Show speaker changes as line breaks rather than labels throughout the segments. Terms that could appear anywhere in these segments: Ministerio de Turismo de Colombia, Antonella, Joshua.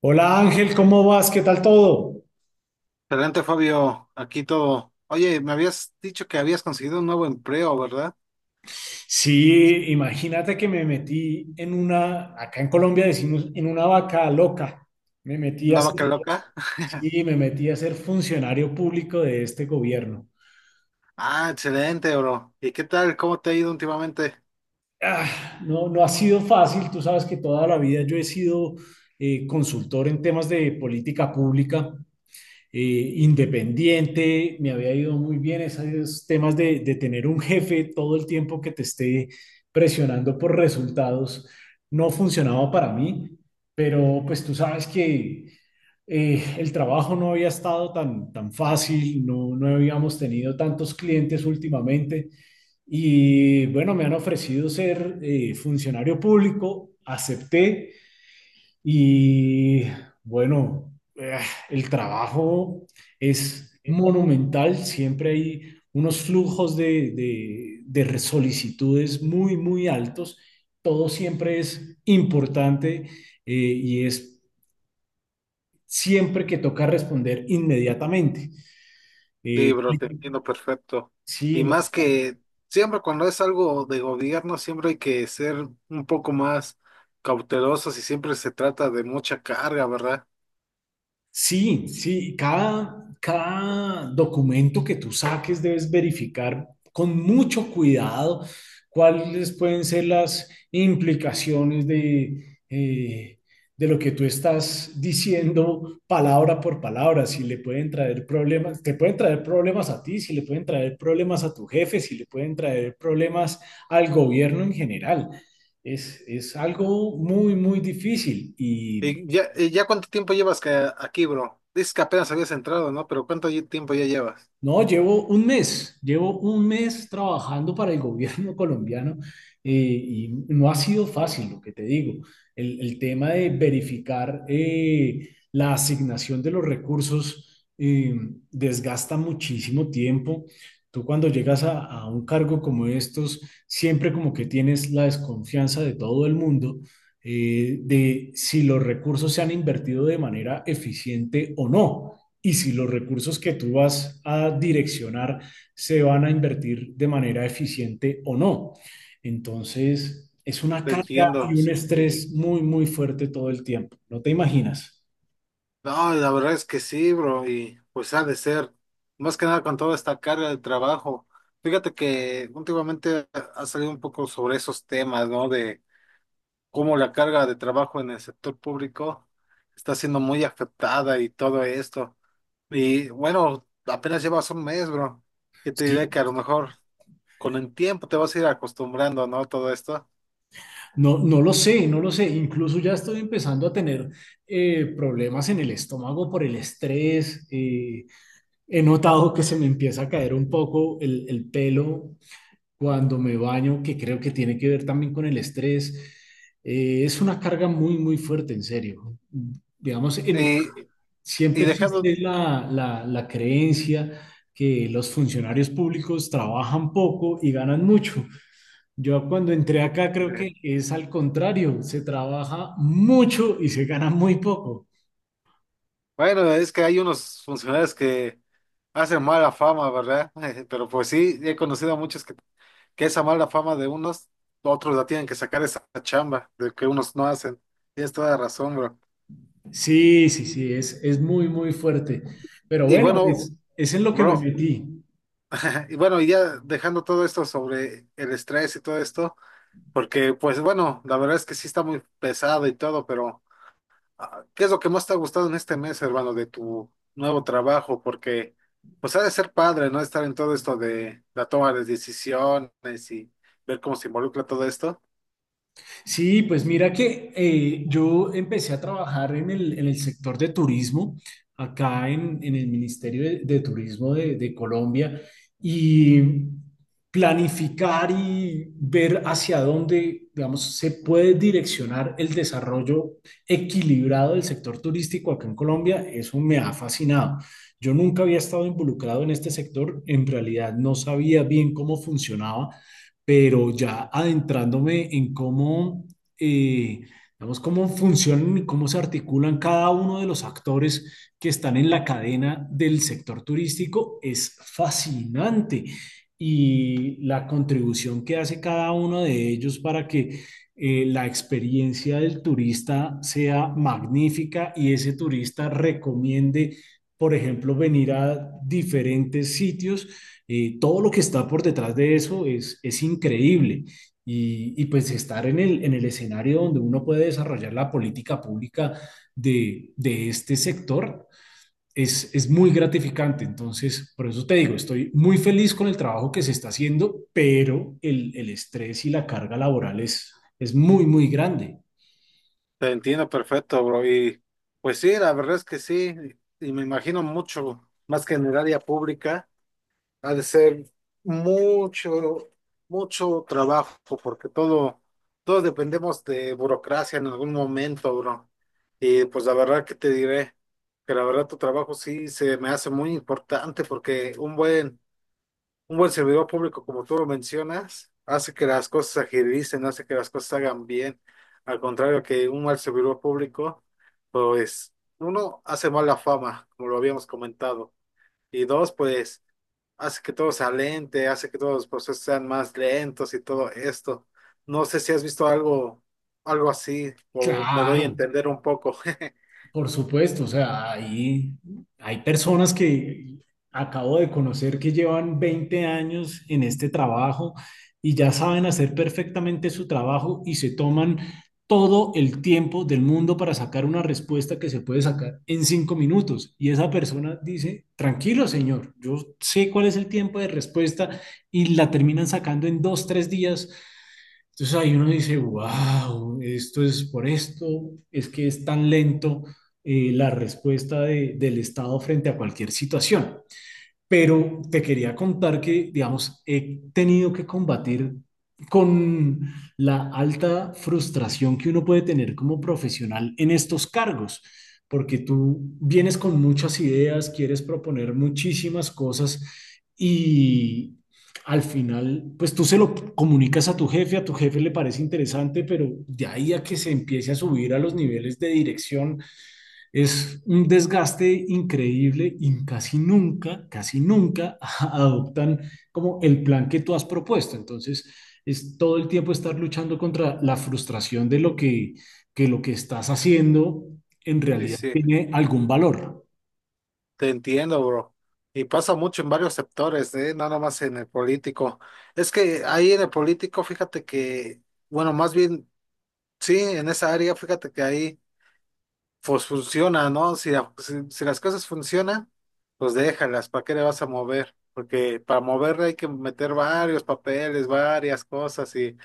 Hola Ángel, ¿cómo vas? ¿Qué tal todo?
Excelente, Fabio. Aquí todo. Oye, me habías dicho que habías conseguido un nuevo empleo, ¿verdad?
Sí, imagínate que me metí en una, acá en Colombia decimos, en una vaca loca. Me metí a
¿Una
ser,
vaca sí, loca?
sí, me metí a ser funcionario público de este gobierno.
Ah, excelente, bro. ¿Y qué tal? ¿Cómo te ha ido últimamente?
Ah, no, no ha sido fácil, tú sabes que toda la vida yo he sido consultor en temas de política pública independiente, me había ido muy bien esos temas de tener un jefe todo el tiempo que te esté presionando por resultados, no funcionaba para mí, pero pues tú sabes que el trabajo no había estado tan fácil, no, no habíamos tenido tantos clientes últimamente y bueno, me han ofrecido ser funcionario público, acepté y bueno, el trabajo es monumental, siempre hay unos flujos de solicitudes muy altos, todo siempre es importante y es siempre que toca responder inmediatamente.
Sí,
Eh,
bro, te entiendo perfecto.
sí,
Y
no,
más que siempre cuando es algo de gobierno, siempre hay que ser un poco más cautelosos y siempre se trata de mucha carga, ¿verdad?
sí, sí, cada documento que tú saques debes verificar con mucho cuidado cuáles pueden ser las implicaciones de lo que tú estás diciendo palabra por palabra, si le pueden traer problemas, te pueden traer problemas a ti, si le pueden traer problemas a tu jefe, si le pueden traer problemas al gobierno en general. Es algo muy difícil y
¿Y ya cuánto tiempo llevas que aquí, bro? Dices que apenas habías entrado, ¿no? Pero ¿cuánto tiempo ya llevas?
no, llevo un mes trabajando para el gobierno colombiano y no ha sido fácil, lo que te digo. El tema de verificar la asignación de los recursos desgasta muchísimo tiempo. Tú cuando llegas a un cargo como estos, siempre como que tienes la desconfianza de todo el mundo, de si los recursos se han invertido de manera eficiente o no y si los recursos que tú vas a direccionar se van a invertir de manera eficiente o no. Entonces, es una
Te
carga y
entiendo,
un
sí, sí.
estrés muy fuerte todo el tiempo. No te imaginas.
No, la verdad es que sí, bro, y pues ha de ser, más que nada con toda esta carga de trabajo. Fíjate que últimamente ha salido un poco sobre esos temas, ¿no? De cómo la carga de trabajo en el sector público está siendo muy afectada y todo esto. Y bueno, apenas llevas un mes, bro, que te
Sí,
diré que a lo mejor con el tiempo te vas a ir acostumbrando, ¿no? Todo esto.
no, no lo sé, no lo sé. Incluso ya estoy empezando a tener problemas en el estómago por el estrés. He notado que se me empieza a caer un poco el pelo cuando me baño, que creo que tiene que ver también con el estrés. Es una carga muy fuerte, en serio. Digamos,
Y, y
siempre existe
dejando,
la creencia que los funcionarios públicos trabajan poco y ganan mucho. Yo cuando entré acá creo que es al contrario, se trabaja mucho y se gana muy poco.
bueno, es que hay unos funcionarios que hacen mala fama, ¿verdad? Pero pues sí, he conocido a muchos que esa mala fama de unos, otros la tienen que sacar esa chamba de que unos no hacen. Tienes toda la razón, bro.
Sí, sí, sí, es muy fuerte. Pero
Y
bueno,
bueno,
es en lo que me
bro,
metí.
y bueno, y ya dejando todo esto sobre el estrés y todo esto, porque pues bueno, la verdad es que sí está muy pesado y todo, pero... Ah, ¿qué es lo que más te ha gustado en este mes, hermano, de tu nuevo trabajo? Porque, pues, ha de ser padre, ¿no? Estar en todo esto de la toma de decisiones y ver cómo se involucra todo esto.
Sí, pues mira que yo empecé a trabajar en el sector de turismo, acá en el Ministerio de Turismo de Colombia, y planificar y ver hacia dónde, digamos, se puede direccionar el desarrollo equilibrado del sector turístico acá en Colombia, eso me ha fascinado. Yo nunca había estado involucrado en este sector, en realidad no sabía bien cómo funcionaba, pero ya adentrándome en cómo, eh, digamos, cómo funcionan y cómo se articulan cada uno de los actores que están en la cadena del sector turístico, es fascinante. Y la contribución que hace cada uno de ellos para que la experiencia del turista sea magnífica y ese turista recomiende, por ejemplo, venir a diferentes sitios, todo lo que está por detrás de eso es increíble. Y, pues estar en el escenario donde uno puede desarrollar la política pública de este sector es muy gratificante. Entonces, por eso te digo, estoy muy feliz con el trabajo que se está haciendo, pero el estrés y la carga laboral es muy grande.
Te entiendo perfecto, bro. Y, pues sí, la verdad es que sí. Y me imagino mucho, más que en el área pública. Ha de ser mucho, mucho trabajo, porque todo, todos dependemos de burocracia en algún momento, bro. Y pues la verdad que te diré que la verdad tu trabajo sí se me hace muy importante porque un buen servidor público, como tú lo mencionas, hace que las cosas se agilicen, hace que las cosas se hagan bien. Al contrario que un mal servidor público, pues uno hace mala fama, como lo habíamos comentado. Y dos, pues hace que todo sea lente, hace que todos los procesos sean más lentos y todo esto. No sé si has visto algo, algo así, o me doy a
Claro,
entender un poco.
por supuesto, o sea, hay personas que acabo de conocer que llevan 20 años en este trabajo y ya saben hacer perfectamente su trabajo y se toman todo el tiempo del mundo para sacar una respuesta que se puede sacar en 5 minutos. Y esa persona dice, tranquilo, señor, yo sé cuál es el tiempo de respuesta y la terminan sacando en dos, tres días. Entonces ahí uno dice, wow, esto es por esto, es que es tan lento la respuesta del Estado frente a cualquier situación. Pero te quería contar que, digamos, he tenido que combatir con la alta frustración que uno puede tener como profesional en estos cargos, porque tú vienes con muchas ideas, quieres proponer muchísimas cosas y al final, pues tú se lo comunicas a tu jefe le parece interesante, pero de ahí a que se empiece a subir a los niveles de dirección, es un desgaste increíble y casi nunca adoptan como el plan que tú has propuesto. Entonces, es todo el tiempo estar luchando contra la frustración de lo que lo que estás haciendo en
Sí,
realidad
sí,
tiene algún valor.
te entiendo, bro. Y pasa mucho en varios sectores, ¿eh? No nada más en el político. Es que ahí en el político, fíjate que, bueno, más bien, sí, en esa área, fíjate que ahí pues funciona, ¿no? Si las cosas funcionan, pues déjalas, ¿para qué le vas a mover? Porque para moverle hay que meter varios papeles, varias cosas y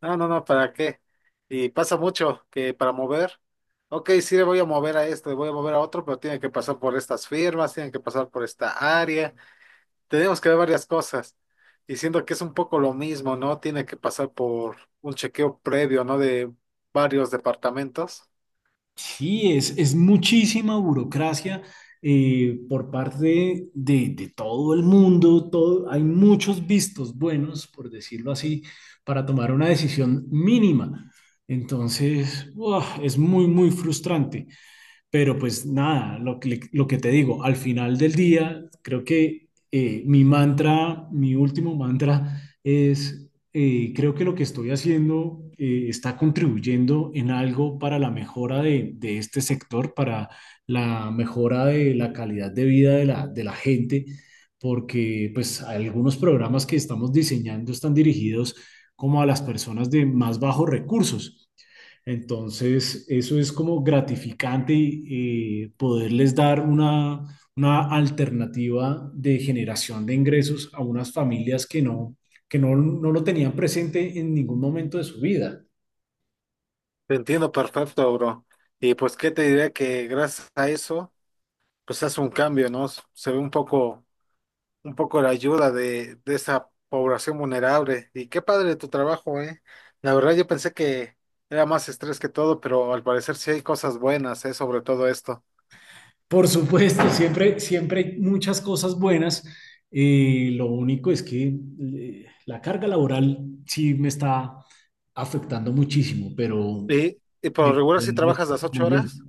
no, no, no, ¿para qué? Y pasa mucho que para mover, ok, sí le voy a mover a esto, le voy a mover a otro, pero tiene que pasar por estas firmas, tiene que pasar por esta área, tenemos que ver varias cosas. Y siento que es un poco lo mismo, ¿no? Tiene que pasar por un chequeo previo, ¿no? De varios departamentos.
Sí, es muchísima burocracia, por parte de todo el mundo, todo, hay muchos vistos buenos, por decirlo así, para tomar una decisión mínima. Entonces, ¡buah! Es muy frustrante. Pero pues nada, lo que te digo, al final del día, creo que mi mantra, mi último mantra es, creo que lo que estoy haciendo está contribuyendo en algo para la mejora de este sector, para la mejora de la calidad de vida de la gente, porque pues algunos programas que estamos diseñando están dirigidos como a las personas de más bajos recursos. Entonces, eso es como gratificante, poderles dar una alternativa de generación de ingresos a unas familias que no, no lo tenían presente en ningún momento de su vida.
Te entiendo perfecto, bro. Y pues qué te diré que gracias a eso, pues hace un cambio, ¿no? Se ve un poco la ayuda de esa población vulnerable. Y qué padre tu trabajo, ¿eh? La verdad yo pensé que era más estrés que todo, pero al parecer sí hay cosas buenas, ¿eh? Sobre todo esto.
Por supuesto, siempre, siempre hay muchas cosas buenas. Lo único es que la carga laboral sí me está afectando muchísimo, pero
Y por lo
eh,
regular si
el resto
trabajas las
está muy
ocho
bien.
horas,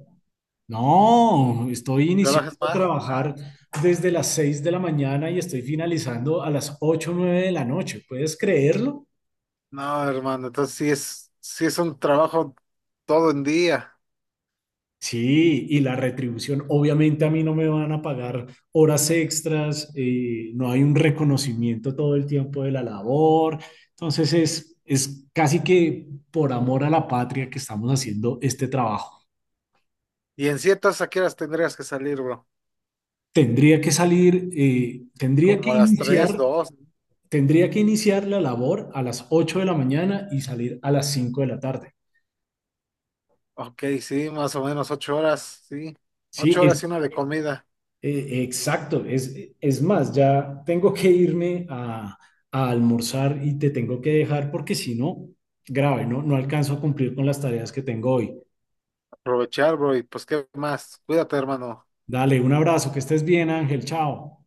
No, estoy iniciando
¿trabajas
a
más? Ah,
trabajar desde las 6 de la mañana y estoy finalizando a las ocho o 9 de la noche. ¿Puedes creerlo?
no, hermano, entonces sí es un trabajo todo en día.
Sí, y la retribución, obviamente a mí no me van a pagar horas extras, no hay un reconocimiento todo el tiempo de la labor. Entonces es casi que por amor a la patria que estamos haciendo este trabajo.
Y en ciertas, ¿a qué horas tendrías que salir, bro?
Tendría que salir, tendría que
Como
sí,
a las tres
iniciar,
dos
tendría que iniciar la labor a las 8 de la mañana y salir a las 5 de la tarde.
Ok, sí, más o menos 8 horas, sí.
Sí,
Ocho
es
horas y una de comida.
exacto. Es más, ya tengo que irme a almorzar y te tengo que dejar porque si no, grave, ¿no? No alcanzo a cumplir con las tareas que tengo hoy.
Aprovechar, bro, y pues qué más. Cuídate, hermano.
Dale, un abrazo, que estés bien, Ángel, chao.